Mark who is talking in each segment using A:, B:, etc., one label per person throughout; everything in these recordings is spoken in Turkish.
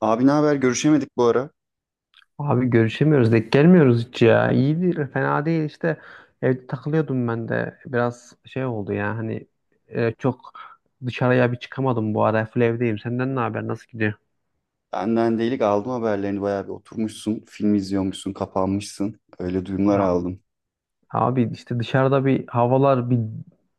A: Abi ne haber? Görüşemedik bu ara.
B: Abi görüşemiyoruz, denk gelmiyoruz hiç ya. İyi değil, fena değil işte, evde takılıyordum. Ben de biraz şey oldu ya hani, çok dışarıya bir çıkamadım bu ara, full evdeyim. Senden ne haber, nasıl gidiyor?
A: Benden delik aldım haberlerini. Bayağı bir oturmuşsun, film izliyormuşsun, kapanmışsın. Öyle duyumlar
B: Ya
A: aldım.
B: abi işte dışarıda bir havalar bir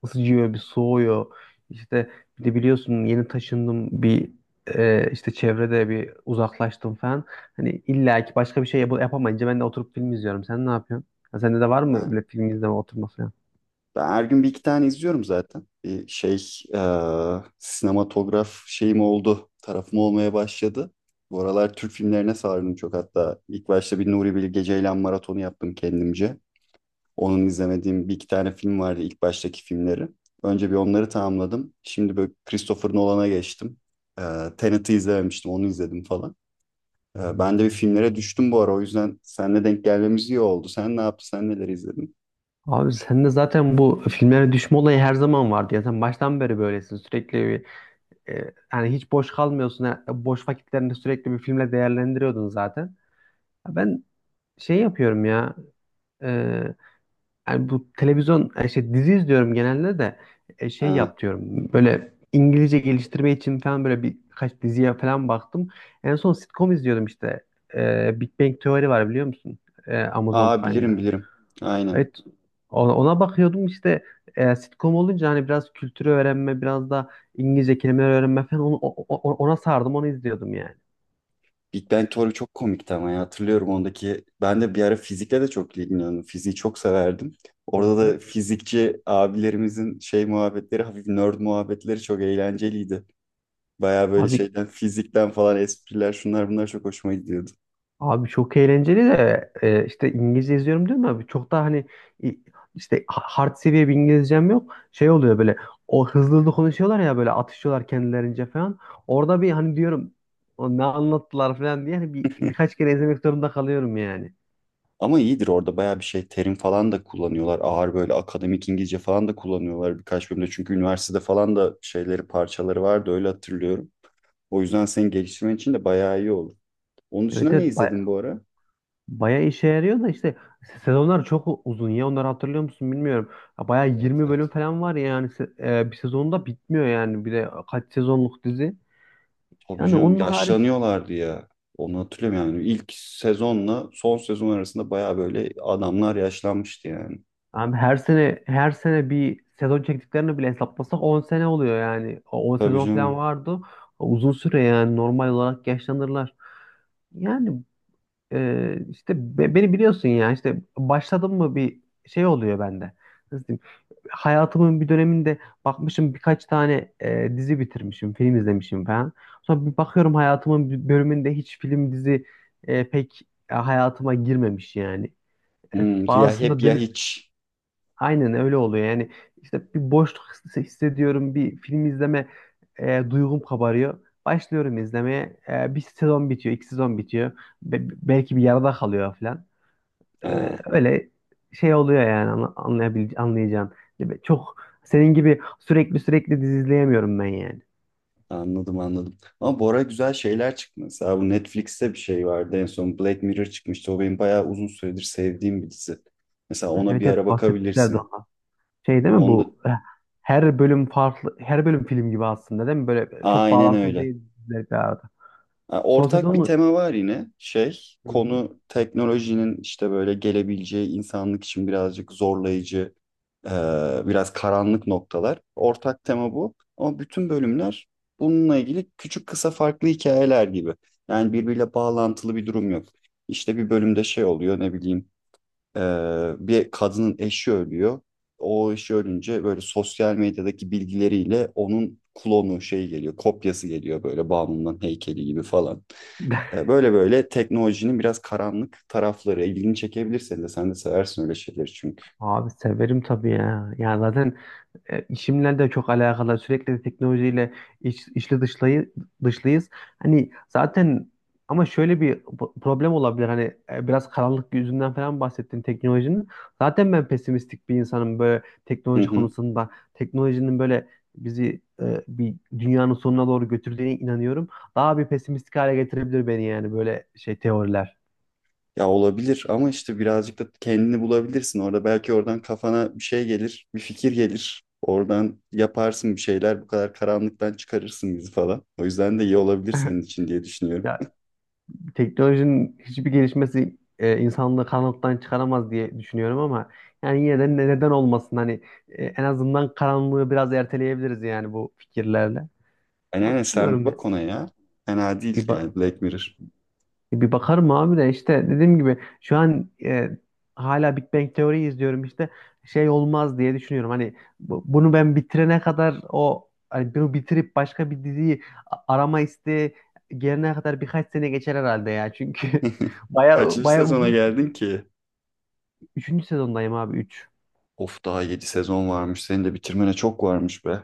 B: ısıcıyor bir soğuyor. İşte bir de biliyorsun yeni taşındım bir işte çevrede bir uzaklaştım falan. Hani illa ki başka bir şey yapamayınca ben de oturup film izliyorum. Sen ne yapıyorsun? Ha, sende de var mı
A: Ben,
B: böyle film izleme oturması?
A: ben her gün bir iki tane izliyorum zaten. Bir şey, sinematograf şeyim oldu. Tarafım olmaya başladı. Bu aralar Türk filmlerine sardım çok. Hatta ilk başta bir Nuri Bilge Ceylan maratonu yaptım kendimce. Onun izlemediğim bir iki tane film vardı ilk baştaki filmleri. Önce bir onları tamamladım. Şimdi böyle Christopher Nolan'a geçtim. Ee, Tenet'i izlememiştim, onu izledim falan. Ben de bir filmlere düştüm bu ara. O yüzden seninle denk gelmemiz iyi oldu. Sen ne yaptın? Sen neler izledin?
B: Abi sende zaten bu filmlere düşme olayı her zaman vardı ya. Sen baştan beri böylesin. Sürekli bir yani hiç boş kalmıyorsun. Ha, boş vakitlerini sürekli bir filmle değerlendiriyordun zaten. Ha, ben şey yapıyorum ya. e, Yani bu televizyon, şey, dizi izliyorum genelde. De şey
A: Ha.
B: yap diyorum. Böyle İngilizce geliştirme için falan böyle birkaç diziye falan baktım. En son sitcom izliyordum işte. E, Big Bang Theory var, biliyor musun? E, Amazon
A: Aa, bilirim
B: Prime'da.
A: bilirim. Aynen.
B: Evet, ona bakıyordum işte. Sitcom olunca hani biraz kültürü öğrenme, biraz da İngilizce kelimeler öğrenme falan, onu, ona sardım, onu izliyordum yani.
A: Big Bang Theory çok komikti ama ya. Hatırlıyorum ondaki. Ben de bir ara fizikle de çok ilgileniyordum. Fiziği çok severdim.
B: Hı
A: Orada
B: hı.
A: da fizikçi abilerimizin şey muhabbetleri, hafif nerd muhabbetleri çok eğlenceliydi. Baya böyle
B: Abi
A: şeyden, fizikten falan espriler şunlar bunlar çok hoşuma gidiyordu.
B: abi çok eğlenceli de işte İngilizce izliyorum değil mi abi? Çok da hani e, işte hard seviye bir İngilizcem yok. Şey oluyor böyle, o hızlı hızlı konuşuyorlar ya, böyle atışıyorlar kendilerince falan. Orada bir hani diyorum, "O ne anlattılar" falan diye hani bir, birkaç kere izlemek zorunda kalıyorum yani.
A: Ama iyidir, orada bayağı bir şey terim falan da kullanıyorlar. Ağır böyle akademik İngilizce falan da kullanıyorlar birkaç bölümde. Çünkü üniversitede falan da şeyleri parçaları vardı öyle hatırlıyorum. O yüzden seni geliştirmen için de bayağı iyi olur. Onun dışında
B: Evet
A: ne
B: evet,
A: izledin bu ara?
B: bayağı işe yarıyor da işte sezonlar çok uzun ya, onları hatırlıyor musun bilmiyorum. Ya bayağı
A: Evet,
B: 20 bölüm
A: evet.
B: falan var ya, yani bir sezonda bitmiyor yani, bir de kaç sezonluk dizi.
A: Tabii
B: Yani
A: canım,
B: onun harici
A: yaşlanıyorlardı ya. Onu hatırlıyorum yani. İlk sezonla son sezon arasında bayağı böyle adamlar yaşlanmıştı yani.
B: abi, her sene her sene bir sezon çektiklerini bile hesaplasak 10 sene oluyor yani. O 10
A: Tabii
B: sezon falan
A: canım.
B: vardı. Uzun süre, yani normal olarak yaşlanırlar. Yani işte beni biliyorsun ya, işte başladım mı bir şey oluyor bende. Nasıl diyeyim? Hayatımın bir döneminde bakmışım, birkaç tane dizi bitirmişim, film izlemişim falan. Sonra bir bakıyorum hayatımın bir bölümünde hiç film, dizi, pek hayatıma girmemiş yani. E,
A: Hmm, ya hep
B: bazısında
A: ya
B: dönüp
A: hiç.
B: aynen öyle oluyor yani. İşte bir boşluk hissediyorum, bir film izleme duygum kabarıyor. Başlıyorum izlemeye. E, bir sezon bitiyor, iki sezon bitiyor. Be- Belki bir yarıda kalıyor falan. Ee,
A: Ha.
B: Öyle şey oluyor yani, anla- anlayabil anlayacağın gibi. Çok senin gibi sürekli dizi izleyemiyorum ben yani.
A: Anladım, anladım. Ama bu ara güzel şeyler çıktı. Mesela bu Netflix'te bir şey vardı, en son Black Mirror çıkmıştı. O benim bayağı uzun süredir sevdiğim bir dizi. Mesela
B: Ha,
A: ona
B: evet
A: bir ara
B: evet, bahsetmişlerdi
A: bakabilirsin.
B: ondan. Şey değil mi
A: Onda
B: bu? Her bölüm farklı, her bölüm film gibi aslında değil mi? Böyle çok
A: aynen
B: bağlantılı
A: öyle.
B: değil diziler bir arada.
A: Ha,
B: Son
A: ortak
B: sezon
A: bir
B: mu?
A: tema var yine şey,
B: Hı hı.
A: konu teknolojinin işte böyle gelebileceği insanlık için birazcık zorlayıcı, e, biraz karanlık noktalar. Ortak tema bu ama bütün bölümler bununla ilgili küçük kısa farklı hikayeler gibi. Yani birbiriyle bağlantılı bir durum yok. İşte bir bölümde şey oluyor, ne bileyim, e, bir kadının eşi ölüyor. O eşi ölünce böyle sosyal medyadaki bilgileriyle onun klonu şey geliyor, kopyası geliyor, böyle bağımlının heykeli gibi falan. Böyle böyle teknolojinin biraz karanlık tarafları ilgini çekebilir senin de. Sen de seversin öyle şeyleri çünkü.
B: Abi severim tabii ya. Yani zaten işimle de çok alakalı. Sürekli de teknolojiyle iç, içli dışlayı, dışlıyız. Hani zaten, ama şöyle bir problem olabilir. Hani biraz karanlık yüzünden falan bahsettin teknolojinin. Zaten ben pesimistik bir insanım böyle
A: Hı
B: teknoloji
A: hı.
B: konusunda. Teknolojinin böyle bizi bir dünyanın sonuna doğru götürdüğüne inanıyorum. Daha bir pesimistik hale getirebilir beni yani, böyle şey teoriler.
A: Ya olabilir, ama işte birazcık da kendini bulabilirsin orada. Belki oradan kafana bir şey gelir, bir fikir gelir. Oradan yaparsın bir şeyler, bu kadar karanlıktan çıkarırsın bizi falan. O yüzden de iyi olabilir senin için diye düşünüyorum.
B: Ya teknolojinin hiçbir gelişmesi insanlığı karanlıktan çıkaramaz diye düşünüyorum, ama yani yine de neden olmasın hani, en azından karanlığı biraz erteleyebiliriz yani bu fikirlerle. Ama
A: Yani sen bir
B: bilmiyorum ya.
A: bak ona ya. Fena değil
B: Bir, ba-
A: yani Black Mirror.
B: Bir bakarım abi, de işte dediğim gibi şu an hala Big Bang Teori izliyorum işte, şey olmaz diye düşünüyorum. Hani bunu ben bitirene kadar, o hani bunu bitirip başka bir diziyi arama isteği gelene kadar birkaç sene geçer herhalde ya. Çünkü baya
A: Kaçıncı
B: baya
A: sezona
B: uzun.
A: geldin ki?
B: Üçüncü sezondayım abi, üç.
A: Of, daha 7 sezon varmış. Senin de bitirmene çok varmış be.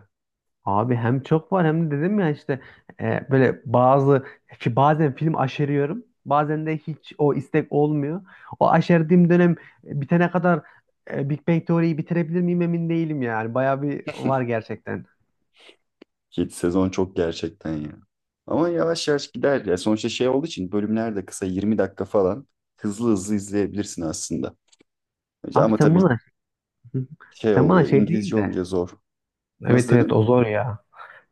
B: Abi hem çok var hem de dedim ya işte böyle bazı, ki bazen film aşeriyorum. Bazen de hiç o istek olmuyor. O aşerdiğim dönem bitene kadar Big Bang Theory'yi bitirebilir miyim emin değilim yani. Bayağı bir var gerçekten.
A: 7 sezon çok gerçekten ya. Ama yavaş yavaş gider ya. Sonuçta şey olduğu için bölümler de kısa, 20 dakika falan. Hızlı hızlı izleyebilirsin aslında.
B: Abi
A: Ama
B: sen
A: tabii
B: bana
A: şey
B: sen bana
A: oluyor,
B: şey
A: İngilizce
B: değil de.
A: olunca zor.
B: Evet
A: Nasıl
B: evet,
A: dedin?
B: o zor ya.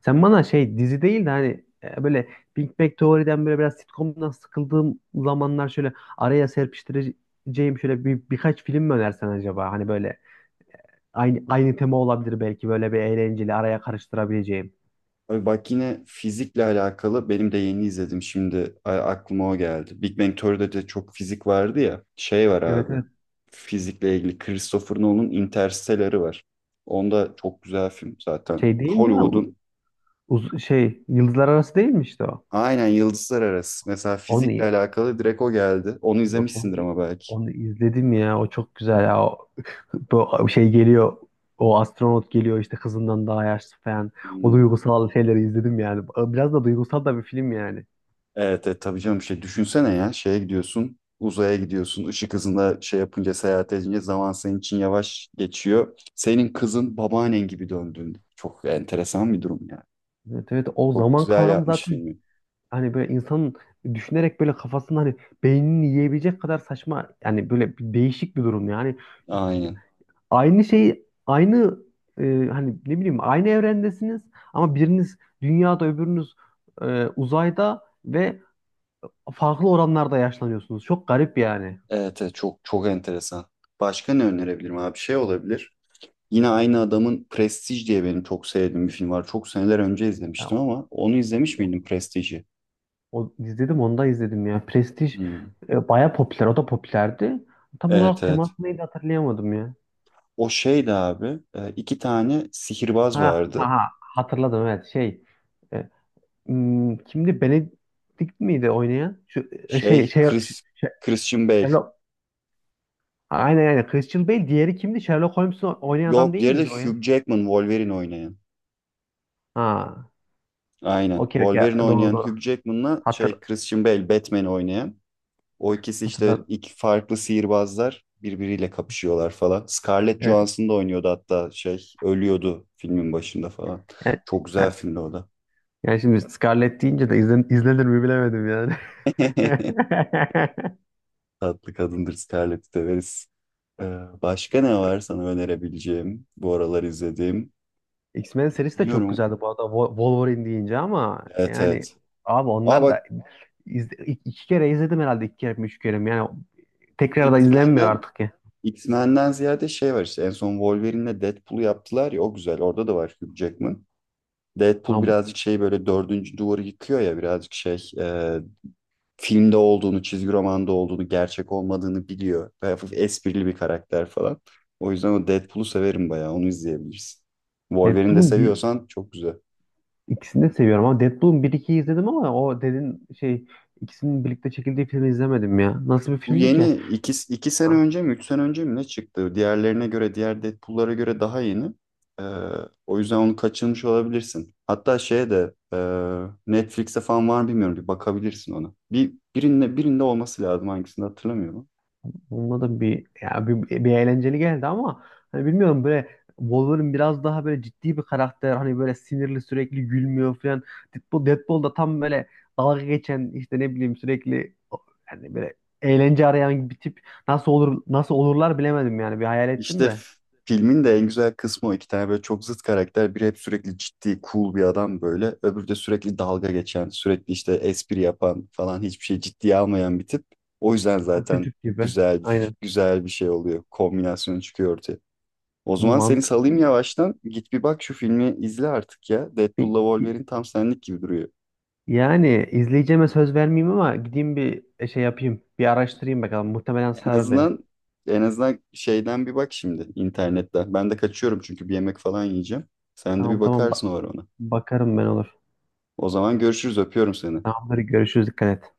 B: Sen bana şey dizi değil de hani böyle Big Bang Teori'den böyle biraz sitcom'dan sıkıldığım zamanlar şöyle araya serpiştireceğim şöyle bir, birkaç film mi önersen acaba? Hani böyle aynı tema olabilir belki, böyle bir eğlenceli araya karıştırabileceğim.
A: Abi bak, yine fizikle alakalı benim de yeni izledim şimdi, aklıma o geldi. Big Bang Theory'de de çok fizik vardı ya. Şey var
B: Evet
A: abi.
B: evet.
A: Fizikle ilgili Christopher Nolan'ın Interstellar'ı var. Onda çok güzel film zaten.
B: Şey değil mi ya?
A: Hollywood'un
B: Şey, Yıldızlar Arası değil mi işte o?
A: aynen Yıldızlar Arası. Mesela
B: Onu,
A: fizikle alakalı direkt o geldi. Onu
B: Yok onu,
A: izlemişsindir ama belki.
B: onu izledim ya. O çok güzel ya. O, bu şey geliyor. O astronot geliyor işte kızından daha yaşlı falan. O
A: Hmm.
B: duygusal şeyleri izledim yani. Biraz da duygusal da bir film yani.
A: Evet, evet tabii canım, şey düşünsene ya, şeye gidiyorsun, uzaya gidiyorsun, ışık hızında şey yapınca, seyahat edince zaman senin için yavaş geçiyor. Senin kızın babaannen gibi döndüğünde. Çok enteresan bir durum yani.
B: Evet evet, o
A: Çok
B: zaman
A: güzel
B: kavramı
A: yapmış
B: zaten
A: filmi.
B: hani böyle insanın düşünerek böyle kafasını hani beynini yiyebilecek kadar saçma yani, böyle bir değişik bir durum yani.
A: Aynen.
B: Aynı şey, aynı e, hani ne bileyim, aynı evrendesiniz ama biriniz dünyada öbürünüz uzayda ve farklı oranlarda yaşlanıyorsunuz. Çok garip yani.
A: Evet, evet, çok çok enteresan. Başka ne önerebilirim abi? Şey olabilir. Yine aynı adamın Prestige diye benim çok sevdiğim bir film var. Çok seneler önce
B: Yani
A: izlemiştim, ama onu izlemiş
B: o,
A: miydin, Prestige'i?
B: o izledim, onu da izledim ya. Prestij
A: Hmm.
B: baya popüler, o da popülerdi. Tam
A: Evet,
B: olarak teması
A: evet.
B: neydi hatırlayamadım ya.
A: O şeydi abi. İki tane sihirbaz vardı.
B: Ha, Hatırladım, evet şey. e, Kimdi? Benedict miydi oynayan? Şu
A: Şey, Christian Bale.
B: Sherlock. Aynen aynen. Christian Bale, diğeri kimdi? Sherlock Holmes'u oynayan adam
A: Yok,
B: değil
A: diğeri de
B: miydi o ya?
A: Hugh Jackman, Wolverine oynayan.
B: Ha.
A: Aynen.
B: Okey okey.
A: Wolverine
B: Doğru
A: oynayan
B: doğru.
A: Hugh Jackman'la
B: Hatır,
A: şey, Christian Bale, Batman oynayan. O ikisi işte,
B: Hatırladım.
A: iki farklı sihirbazlar birbiriyle kapışıyorlar falan. Scarlett
B: Evet.
A: Johansson da oynuyordu hatta, şey ölüyordu filmin başında falan.
B: Evet.
A: Çok güzel filmdi o da.
B: Yani şimdi Scarlett deyince de izlenir mi bilemedim yani.
A: Tatlı kadındır, Scarlett severiz. Ee, Başka ne var sana önerebileceğim bu aralar izlediğim?
B: X-Men serisi de çok
A: Biliyorum.
B: güzeldi bu arada, Wolverine deyince, ama
A: Evet,
B: yani
A: evet.
B: abi
A: Aa
B: onlar
A: bak,
B: da iki kere izledim herhalde, iki kere mi üç kere mi, yani tekrar da izlenmiyor
A: X-Men'den
B: artık ya.
A: X-Men'den ziyade şey var işte, en son Wolverine'le Deadpool'u yaptılar ya, o güzel. Orada da var Hugh Jackman.
B: Ha,
A: Deadpool birazcık şey böyle dördüncü duvarı yıkıyor ya, birazcık şey, filmde olduğunu, çizgi romanda olduğunu, gerçek olmadığını biliyor. Ve hafif esprili bir karakter falan. O yüzden o Deadpool'u severim bayağı, onu izleyebilirsin. Wolverine de
B: Deadpool'un bir
A: seviyorsan çok güzel.
B: ikisini de seviyorum, ama Deadpool'un bir ikiyi izledim, ama o dedin şey, ikisinin birlikte çekildiği filmi izlemedim ya. Nasıl bir
A: Bu
B: filmdi ki?
A: yeni iki sene önce mi, üç sene önce mi ne çıktı? Diğerlerine göre, diğer Deadpool'lara göre daha yeni. Ee, O yüzden onu kaçırmış olabilirsin. Hatta şeye de Netflix'te falan var mı bilmiyorum. Bir bakabilirsin ona. Birinde olması lazım, hangisinde hatırlamıyorum.
B: Onunla da bir ya bir, bir eğlenceli geldi, ama hani bilmiyorum, böyle Wolverine biraz daha böyle ciddi bir karakter, hani böyle sinirli, sürekli gülmüyor falan. Deadpool da tam böyle dalga geçen, işte ne bileyim, sürekli, yani böyle eğlence arayan bir tip. Nasıl olurlar bilemedim yani, bir hayal ettim
A: İşte
B: de
A: filmin de en güzel kısmı o. İki tane böyle çok zıt karakter. Biri hep sürekli ciddi, cool bir adam böyle. Öbürü de sürekli dalga geçen, sürekli işte espri yapan falan, hiçbir şey ciddiye almayan bir tip. O yüzden
B: tam
A: zaten
B: çocuk gibi, aynen
A: güzel bir şey oluyor. Kombinasyonu çıkıyor ortaya. O zaman seni
B: mantık,
A: salayım yavaştan. Git bir bak şu filmi izle artık ya.
B: bir,
A: Deadpool'la
B: bir-
A: Wolverine tam senlik gibi duruyor.
B: yani izleyeceğime söz vermeyeyim ama gideyim bir şey yapayım, bir araştırayım bakalım, muhtemelen
A: En
B: sarar beni.
A: azından En azından şeyden bir bak şimdi internetten. Ben de kaçıyorum çünkü bir yemek falan yiyeceğim. Sen de bir
B: tamam tamam
A: bakarsın
B: ba-
A: o ara ona.
B: bakarım ben, olur.
A: O zaman görüşürüz. Öpüyorum seni.
B: Tamamdır. Görüşürüz. Dikkat et.